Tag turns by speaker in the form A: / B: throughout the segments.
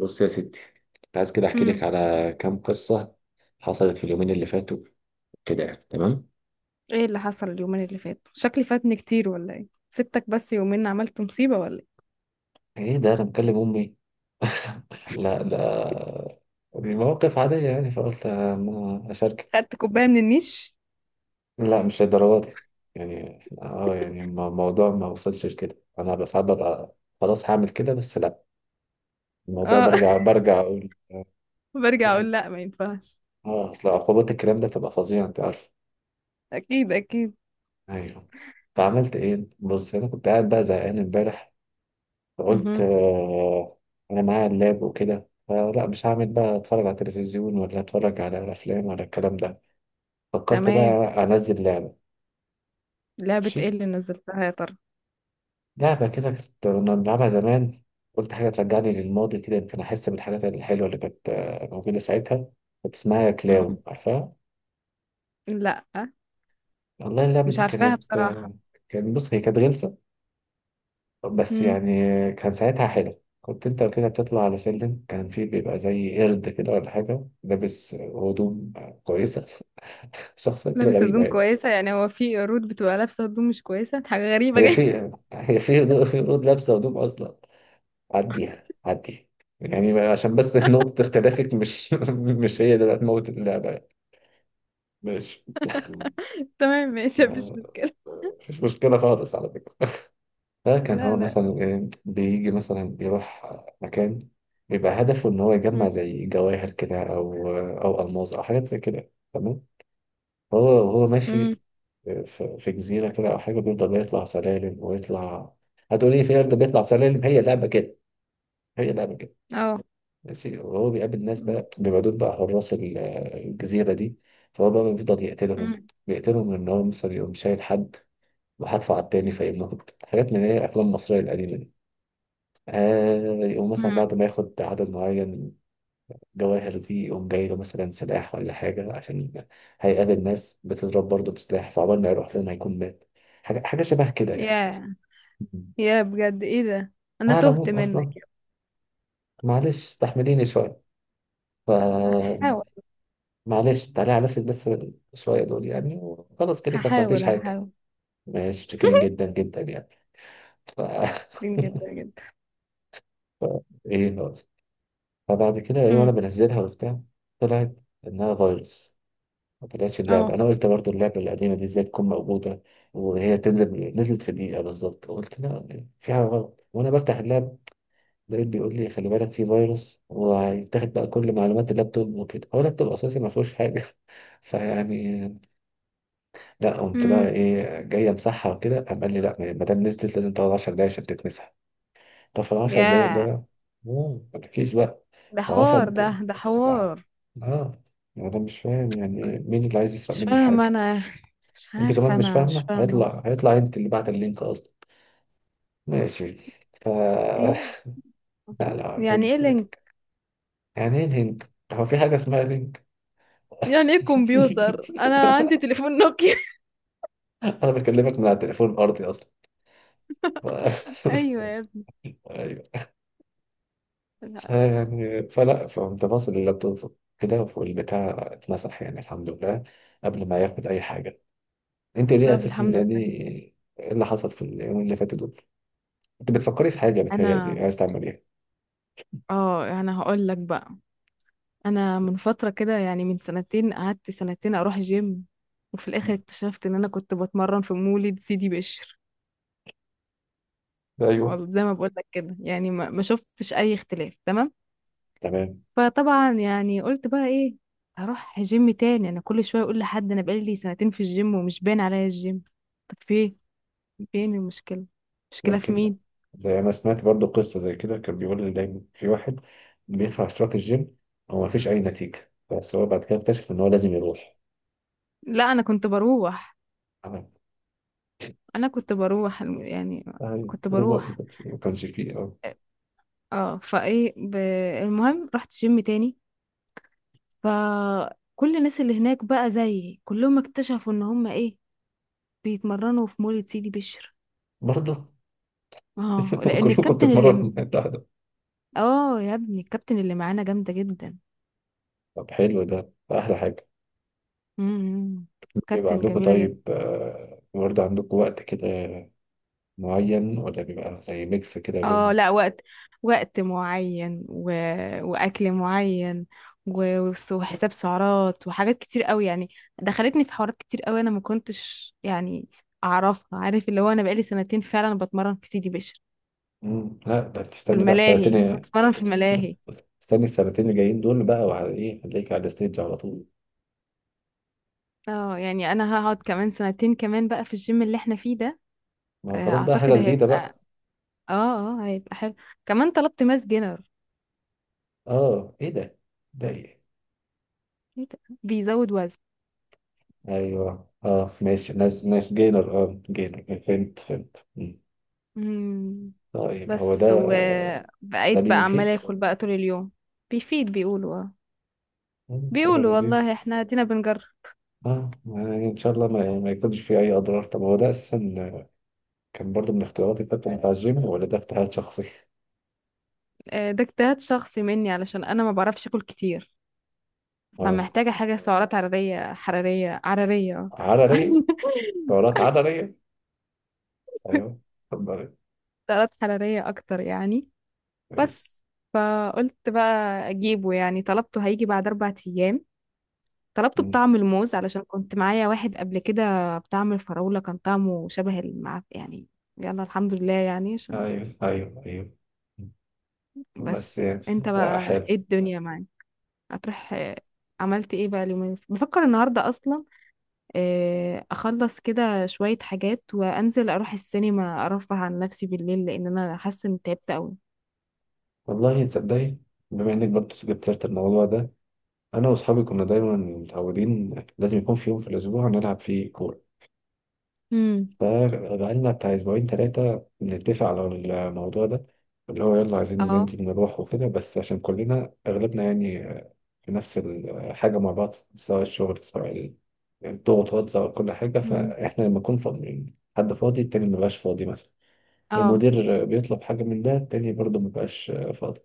A: بص يا ستي، كنت عايز كده احكي لك
B: امم
A: على كام قصه حصلت في اليومين اللي فاتوا كده. يعني تمام.
B: ايه اللي حصل اليومين اللي فاتوا؟ شكلي فاتني كتير ولا ايه؟ سبتك بس يومين عملت مصيبة ولا ايه؟
A: ايه ده انا مكلم امي؟ لا لا، المواقف عاديه يعني فقلت اما اشارك.
B: خدت كوباية من النيش؟
A: لا مش للدرجه دي، يعني الموضوع ما وصلش لكده. انا بس ساعات ببقى خلاص هعمل كده، بس لا، الموضوع
B: اه.
A: برجع برجع اقول،
B: برجع
A: يعني،
B: اقول لا، ما ينفعش.
A: اه اصل عقوبات الكلام ده بتبقى فظيعه انت عارف.
B: اكيد اكيد.
A: ايوه. فعملت ايه؟ بص انا كنت قاعد بقى زهقان امبارح، فقلت
B: مهم.
A: آه، أنا معايا اللاب وكده، فلا مش هعمل بقى أتفرج على تلفزيون ولا أتفرج على أفلام ولا الكلام ده. فكرت
B: تمام.
A: بقى أنزل لعبة.
B: لعبة
A: ماشي.
B: ايه اللي نزلتها يا ترى؟
A: لعبة كده كنا بنلعبها زمان. قلت حاجة ترجعني للماضي كده، يمكن أحس بالحاجات الحلوة اللي كانت موجودة ساعتها. كانت اسمها
B: مم.
A: كلاون، عارفها؟
B: لا،
A: والله اللعبة
B: مش
A: دي
B: عارفاها
A: كانت
B: بصراحة.
A: كان، بص هي كانت غلسة بس
B: مم.
A: يعني. كان ساعتها حلو، كنت انت كده بتطلع على سلم كان فيه بيبقى زي قرد كده ولا حاجة لابس هدوم كويسة، شخصية كده
B: لابس
A: غريبة
B: هدوم
A: يعني.
B: كويسة؟ يعني هو في قرود بتبقى لابسة هدوم مش كويسة؟ حاجة غريبة
A: هي
B: جدا.
A: في هي في هدوء في هدوء لابسة هدوم أصلا. عديها عديها يعني، عشان بس نقطة اختلافك مش مش هي اللي هتموت اللعبة يعني. ماشي.
B: تمام، ماشي، مفيش مشكلة.
A: مفيش مشكلة خالص على فكرة. فكان
B: لا،
A: هو
B: لا.
A: مثلا إيه بيجي مثلا يروح مكان، بيبقى هدفه إن هو يجمع
B: مم.
A: زي جواهر كده أو أو ألماس أو حاجات زي كده، تمام. هو وهو ماشي
B: مم.
A: في في جزيرة كده أو حاجة، بيفضل يطلع سلالم ويطلع. هتقولي في أرض بيطلع سلالم؟ هي لعبة كده. هي لعبة كده.
B: اه.
A: ماشي. وهو بيقابل ناس
B: مم.
A: بقى، بيبقى دول بقى حراس الجزيرة دي. فهو بقى بيفضل يقتلهم.
B: مم.
A: بيقتلهم إن هو مثلا يقوم شايل حد وحدفع على التاني فيموت، حاجات من هي أفلام مصرية القديمة دي. آه، يقوم مثلا بعد
B: مم.
A: ما ياخد عدد معين جواهر دي، يقوم جاي له مثلا سلاح ولا حاجة، عشان هيقابل ناس بتضرب برضه بسلاح، فعقبال ما يروح لنا هيكون مات. حاجة شبه كده يعني.
B: ياه.
A: مم.
B: يا بجد ايه ده؟ انا
A: على
B: تهت
A: العموم أصلا
B: منك يا
A: معلش استحمليني شوية. ف،
B: ابني. هحاول.
A: معلش تعالي على نفسك بس شوية دول يعني، وخلاص كده ما سمعتيش
B: هحاول
A: حاجة.
B: هحاول.
A: ماشي، شكرا جدا جدا يعني. ف
B: كريم جدا جدا.
A: إيه هو. فبعد كده إيه، وأنا
B: امم
A: بنزلها وبتاع، طلعت إنها فيروس. ما طلعتش اللعبة.
B: اه.
A: أنا قلت برضو اللعبة القديمة دي إزاي تكون موجودة؟ وهي تنزل نزلت في دقيقة بالظبط. قلت لا، في حاجة غلط. وأنا بفتح اللاب لقيت بيقول لي خلي بالك في فيروس وهيتاخد بقى كل معلومات اللابتوب وكده. هو اللابتوب أساسي ما فيهوش حاجة، فيعني، لا، قمت بقى
B: امم
A: إيه، جاي أمسحها وكده قام قال لي لا، ما دام نزلت لازم تقعد 10 دقايق عشان تتمسح. طب في ال 10 دقايق
B: يا
A: ده، مم، ما تحكيش بقى.
B: ده حوار، ده
A: 10.
B: ده
A: لا.
B: حوار.
A: آه. أنا مش فاهم يعني إيه، مين اللي عايز يسرق
B: مش
A: مني
B: فاهمه
A: الحاجة.
B: انا. مش
A: انت كمان
B: عارفه،
A: مش
B: انا مش
A: فاهمه؟
B: فاهمه.
A: هيطلع انت اللي بعت اللينك اصلا. ماشي. ف
B: ايه؟
A: لا لا، ما
B: يعني
A: تاخدش
B: ايه
A: في
B: لينك؟
A: بالك. يعني ايه لينك؟ هو في حاجه اسمها لينك؟
B: يعني ايه كمبيوتر، انا عندي تليفون نوكيا.
A: انا بكلمك من على التليفون الارضي اصلا. ف...
B: ايوه يا ابني.
A: ايوه.
B: لا.
A: يعني فلا، فقمت باصل اللابتوب كده والبتاع اتمسح يعني، الحمد لله قبل ما ياخد اي حاجه. انت ليه
B: طب
A: اساسا
B: الحمد
A: ده، دي
B: لله.
A: ايه اللي حصل في اليومين اللي فاتوا دول؟ انت بتفكري في حاجه، بتهيألي
B: انا
A: عايز تعمل ايه.
B: اه انا هقول لك بقى. انا من فتره كده يعني من سنتين، قعدت سنتين اروح جيم. وفي الاخر اكتشفت ان انا كنت بتمرن في مولد سيدي بشر.
A: ايوه.
B: والله زي ما بقول لك كده يعني، ما شفتش اي اختلاف. تمام.
A: تمام.
B: فطبعا يعني قلت بقى ايه؟ هروح جيم تاني. انا كل شويه اقول لحد انا بقالي سنتين في الجيم ومش باين عليا الجيم. طب فين المشكله؟ المشكله في
A: يمكن
B: مين؟
A: زي ما سمعت برضو قصة زي كده، كان بيقول لي دايما في واحد بيدفع اشتراك الجيم، هو مفيش أي نتيجة، بس هو بعد كده اكتشف إن هو لازم يروح.
B: لا، انا كنت بروح.
A: تمام.
B: يعني
A: أي
B: كنت
A: هو ما
B: بروح.
A: كانش ما كانش فيه أه.
B: اه. آه، فايه ب... المهم رحت جيم تاني. فكل الناس اللي هناك بقى زيي كلهم اكتشفوا ان هم ايه؟ بيتمرنوا في مولد سيدي بشر.
A: برضه.
B: اه، لان
A: كلكم
B: الكابتن
A: بتتمرنوا في
B: اللي
A: المتحدة.
B: اه يا ابني الكابتن اللي معانا جامده جدا.
A: طب حلو، ده ده أحلى حاجة.
B: امم
A: بيبقى
B: كابتن
A: عندكم
B: جميله جدا.
A: طيب برضه عندكم وقت كده معين ولا بيبقى زي ميكس كده
B: اه،
A: بين،
B: لا، وقت. وقت معين، واكل معين، وحساب سعرات وحاجات كتير قوي يعني. دخلتني في حوارات كتير قوي انا ما كنتش يعني اعرفها، عارف اللي هو انا بقالي سنتين فعلا بتمرن في سيدي بشر.
A: مم، لا ده
B: في
A: تستني بقى
B: الملاهي
A: السنتين.
B: كنت بتمرن في الملاهي.
A: استني السنتين اللي جايين دول بقى، وعلى إيه هتلاقيك على الستيج على طول.
B: اه يعني انا هقعد كمان سنتين كمان بقى في الجيم اللي احنا فيه ده.
A: ما هو خلاص بقى حاجة
B: اعتقد
A: جديدة
B: هيبقى.
A: بقى.
B: اه. اه، هيبقى حلو. كمان طلبت ماس جينر.
A: اه ايه ده؟ ده ايه؟
B: إيه ده؟ بيزود وزن.
A: ايوه، اه ماشي، ناس ناس جينر اه جينر، فهمت فهمت. مم.
B: مم.
A: طيب هو ده.
B: بس
A: ده
B: وبقيت بقى عمالة
A: بيفيد.
B: اكل بقى طول اليوم. بيفيد. بيقولوا اه.
A: مم، حاجة
B: بيقولوا
A: لذيذة.
B: والله احنا ادينا بنجرب.
A: اه يعني ان شاء الله ما يكونش فيه اي اضرار. طب هو ده اساسا كان برضو من اختياراتي بتاعت بتاع الجيم ولا ده اجتهاد شخصي؟
B: ده اجتهاد شخصي مني علشان انا ما بعرفش اكل كتير.
A: اه.
B: فمحتاجة حاجة سعرات حرارية حرارية حرارية. آه.
A: عضلية. دورات عضلية. ايوه. اتفضل.
B: سعرات حرارية اكتر يعني.
A: ايوه.
B: بس فقلت بقى اجيبه يعني. طلبته هيجي بعد 4 ايام. طلبته
A: مم.
B: بطعم الموز علشان كنت معايا واحد قبل كده بطعم الفراولة كان طعمه شبه المع يعني. يلا الحمد لله يعني، عشان
A: ايوه ايوه ايوه. بس
B: بس.
A: يعني
B: انت
A: ده
B: بقى ايه
A: حلو.
B: الدنيا معاك؟ هتروح؟ عملت ايه بقى بفكر النهارده اصلا. اخلص كده شوية حاجات وانزل اروح السينما ارفه عن نفسي بالليل لان انا حاسة اني تعبت قوي.
A: والله تصدقي، بما انك برضه جبت سيرة الموضوع ده، انا واصحابي كنا دايما متعودين لازم يكون في يوم في الاسبوع نلعب فيه كوره.
B: امم
A: فبقالنا بتاع اسبوعين ثلاثه بنتفق على الموضوع ده، اللي هو يلا عايزين
B: اه.
A: ننزل نروح وكده، بس عشان كلنا اغلبنا يعني في نفس الحاجه مع بعض، سواء الشغل سواء الضغوطات سواء كل حاجه.
B: امم
A: فاحنا لما نكون فاضيين، حد فاضي التاني مبقاش فاضي مثلا،
B: اه.
A: المدير بيطلب حاجة من ده، التاني برضه مبقاش فاضي.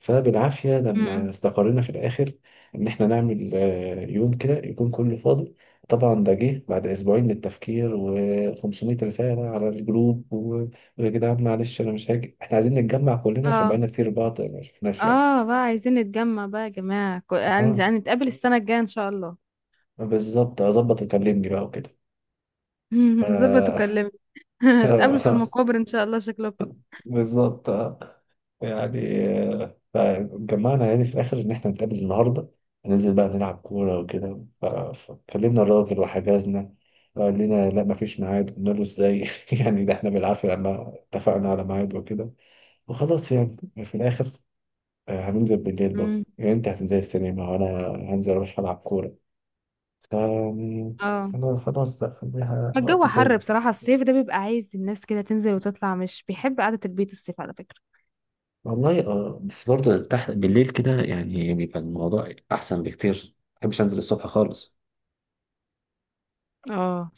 A: فبالعافية لما
B: امم
A: استقرينا في الآخر إن إحنا نعمل يوم كده يكون كله فاضي. طبعا ده جه بعد أسبوعين من التفكير و500 رسالة على الجروب و- ويا جدعان معلش أنا مش هاجي، إحنا عايزين نتجمع كلنا عشان
B: اه.
A: بقالنا كتير بعض ما شفناش يعني.
B: اه بقى عايزين نتجمع بقى يا جماعة،
A: آه.
B: هنتقابل السنة الجاية ان شاء الله.
A: بالظبط أظبط وكلمني بقى وكده.
B: ظبط
A: ف-
B: وكلمني. هتقابلوا في المقابر ان شاء الله شكلكم.
A: بالظبط آه. يعني، فجمعنا يعني في الآخر إن إحنا نتقابل النهاردة، هننزل بقى نلعب كورة وكده. ف- فكلمنا الراجل وحجزنا، قال لنا لا مفيش ميعاد. قلنا له إزاي؟ يعني ده إحنا بالعافية لما اتفقنا على ميعاد وكده، وخلاص يعني. في الآخر هننزل بالليل برضه
B: مم.
A: يعني، أنت هتنزل السينما وأنا هنزل أروح ألعب كورة. ف يعني،
B: اه.
A: أنا خلاص بقى خليها
B: الجو
A: وقت
B: حر
A: تاني.
B: بصراحة، الصيف ده بيبقى عايز الناس كده تنزل وتطلع، مش بيحب قعدة البيت الصيف على فكرة.
A: والله اه، بس برضه تحت بالليل كده يعني بيبقى الموضوع أحسن بكتير، ما بحبش أنزل الصبح خالص.
B: اه،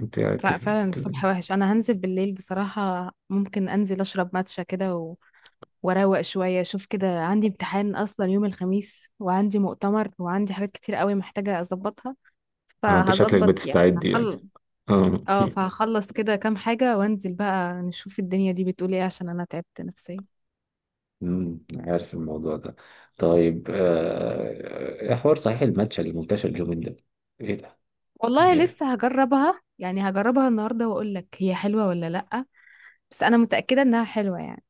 A: انت انت.
B: لا فعلا الصبح وحش. انا هنزل بالليل بصراحة. ممكن انزل اشرب ماتشا كده واروق شوية اشوف كده. عندي امتحان اصلا يوم الخميس وعندي مؤتمر وعندي حاجات كتير قوي محتاجة اظبطها.
A: اه انت شكلك
B: فهظبط يعني.
A: بتستعد يعني. اه.
B: اه فهخلص كده كام حاجة وانزل بقى نشوف الدنيا دي بتقول ايه عشان انا تعبت نفسيا.
A: امم، عارف الموضوع ده. طيب إيه حوار صحيح الماتش اللي منتشر اليومين ده؟ ايه ده.
B: والله
A: إيه؟
B: لسه هجربها يعني. هجربها النهاردة واقول لك هي حلوة ولا لأ. بس انا متأكدة انها حلوة يعني.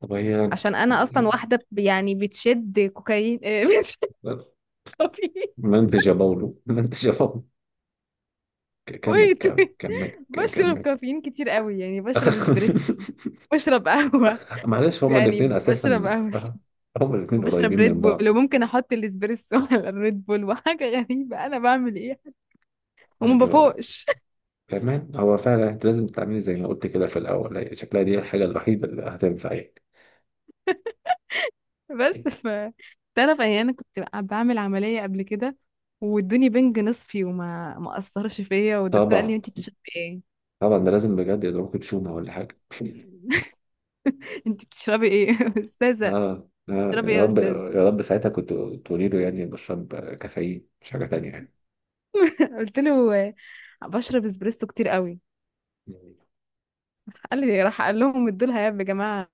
A: طب هي،
B: عشان انا اصلا واحدة يعني بتشد كوكايين، بتشد كافيين.
A: منتج يا باولو. منتج يا باولو. ك- كمل
B: ويت
A: كمل
B: ويت.
A: كمل ك-
B: بشرب
A: كمل
B: كافيين كتير قوي يعني. بشرب اسبريسو. بشرب قهوة.
A: معلش هما
B: يعني
A: الاثنين
B: بشرب
A: اساسا
B: قهوة.
A: هما الاثنين
B: وبشرب
A: قريبين من
B: ريد بول
A: بعض.
B: وممكن احط الاسبريسو على الريد بول، وحاجة غريبة انا بعمل ايه. وما
A: ايوه.
B: بفوقش.
A: كمان هو فعلا انت لازم تعملي زي ما قلت كده في الاول، هي شكلها دي الحاجه الوحيده اللي هتنفع يعني.
B: بس. تعرف يعني انا كنت بعمل عمليه قبل كده وادوني بنج نصفي وما ما اثرش فيا والدكتور قال
A: طبعا.
B: لي انت بتشربي ايه؟
A: طبعا ده لازم بجد يضربك بشومة ولا حاجة.
B: انت بتشربي ايه يا استاذه؟
A: اه اه،
B: بتشربي ايه
A: يا
B: يا
A: رب
B: استاذه؟
A: يا رب ساعتها كنت تقولي له يعني بشرب كافيين مش حاجة تانية يعني.
B: قلت له بشرب اسبريسو كتير قوي. قال لي راح قال لهم ادوا لها يا جماعه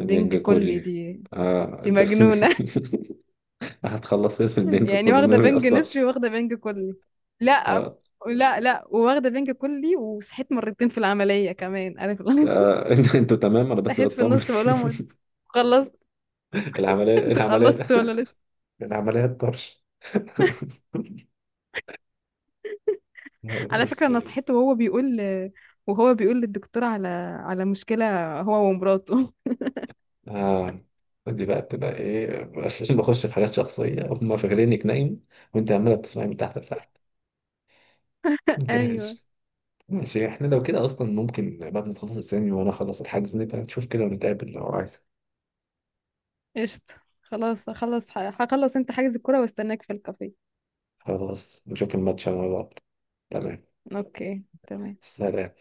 A: البنج
B: كلي
A: كلي.
B: دي.
A: اه
B: دي
A: ده-
B: مجنونه.
A: هتخلص ايه في البنج
B: يعني
A: كله ما
B: واخده بنج نصفي
A: بيأثرش.
B: واخده بنج كلي. لا،
A: اه.
B: لا، لا. وواخده بنج كلي وصحيت مرتين في العمليه كمان عارف.
A: انت- انتوا تمام، انا بس
B: صحيت في
A: بطمن.
B: النص بقول لهم خلصت.
A: العملية.
B: انت
A: العملية.
B: خلصت ولا لسه؟
A: العملية الطرش.
B: على
A: بس.
B: فكرة انا صحيت وهو بيقول، وهو بيقول للدكتور على، مشكلة هو ومراته.
A: آه. دي بقى بتبقى ايه عشان بخش في حاجات شخصية؟ هم فاكرينك نايم وانت عمالة بتسمعي من تحت لتحت.
B: ايوه.
A: ماشي. ماشي، احنا لو كده اصلا ممكن بعد ما تخلص الثاني وانا اخلص الحجز، نبقى نشوف كده ونتقابل لو عايز.
B: قشطة. خلاص هخلص هخلص. انت حاجز الكرة واستناك في الكافيه.
A: خلاص نشوف الماتش مع بعض. تمام.
B: اوكي تمام.
A: سلام.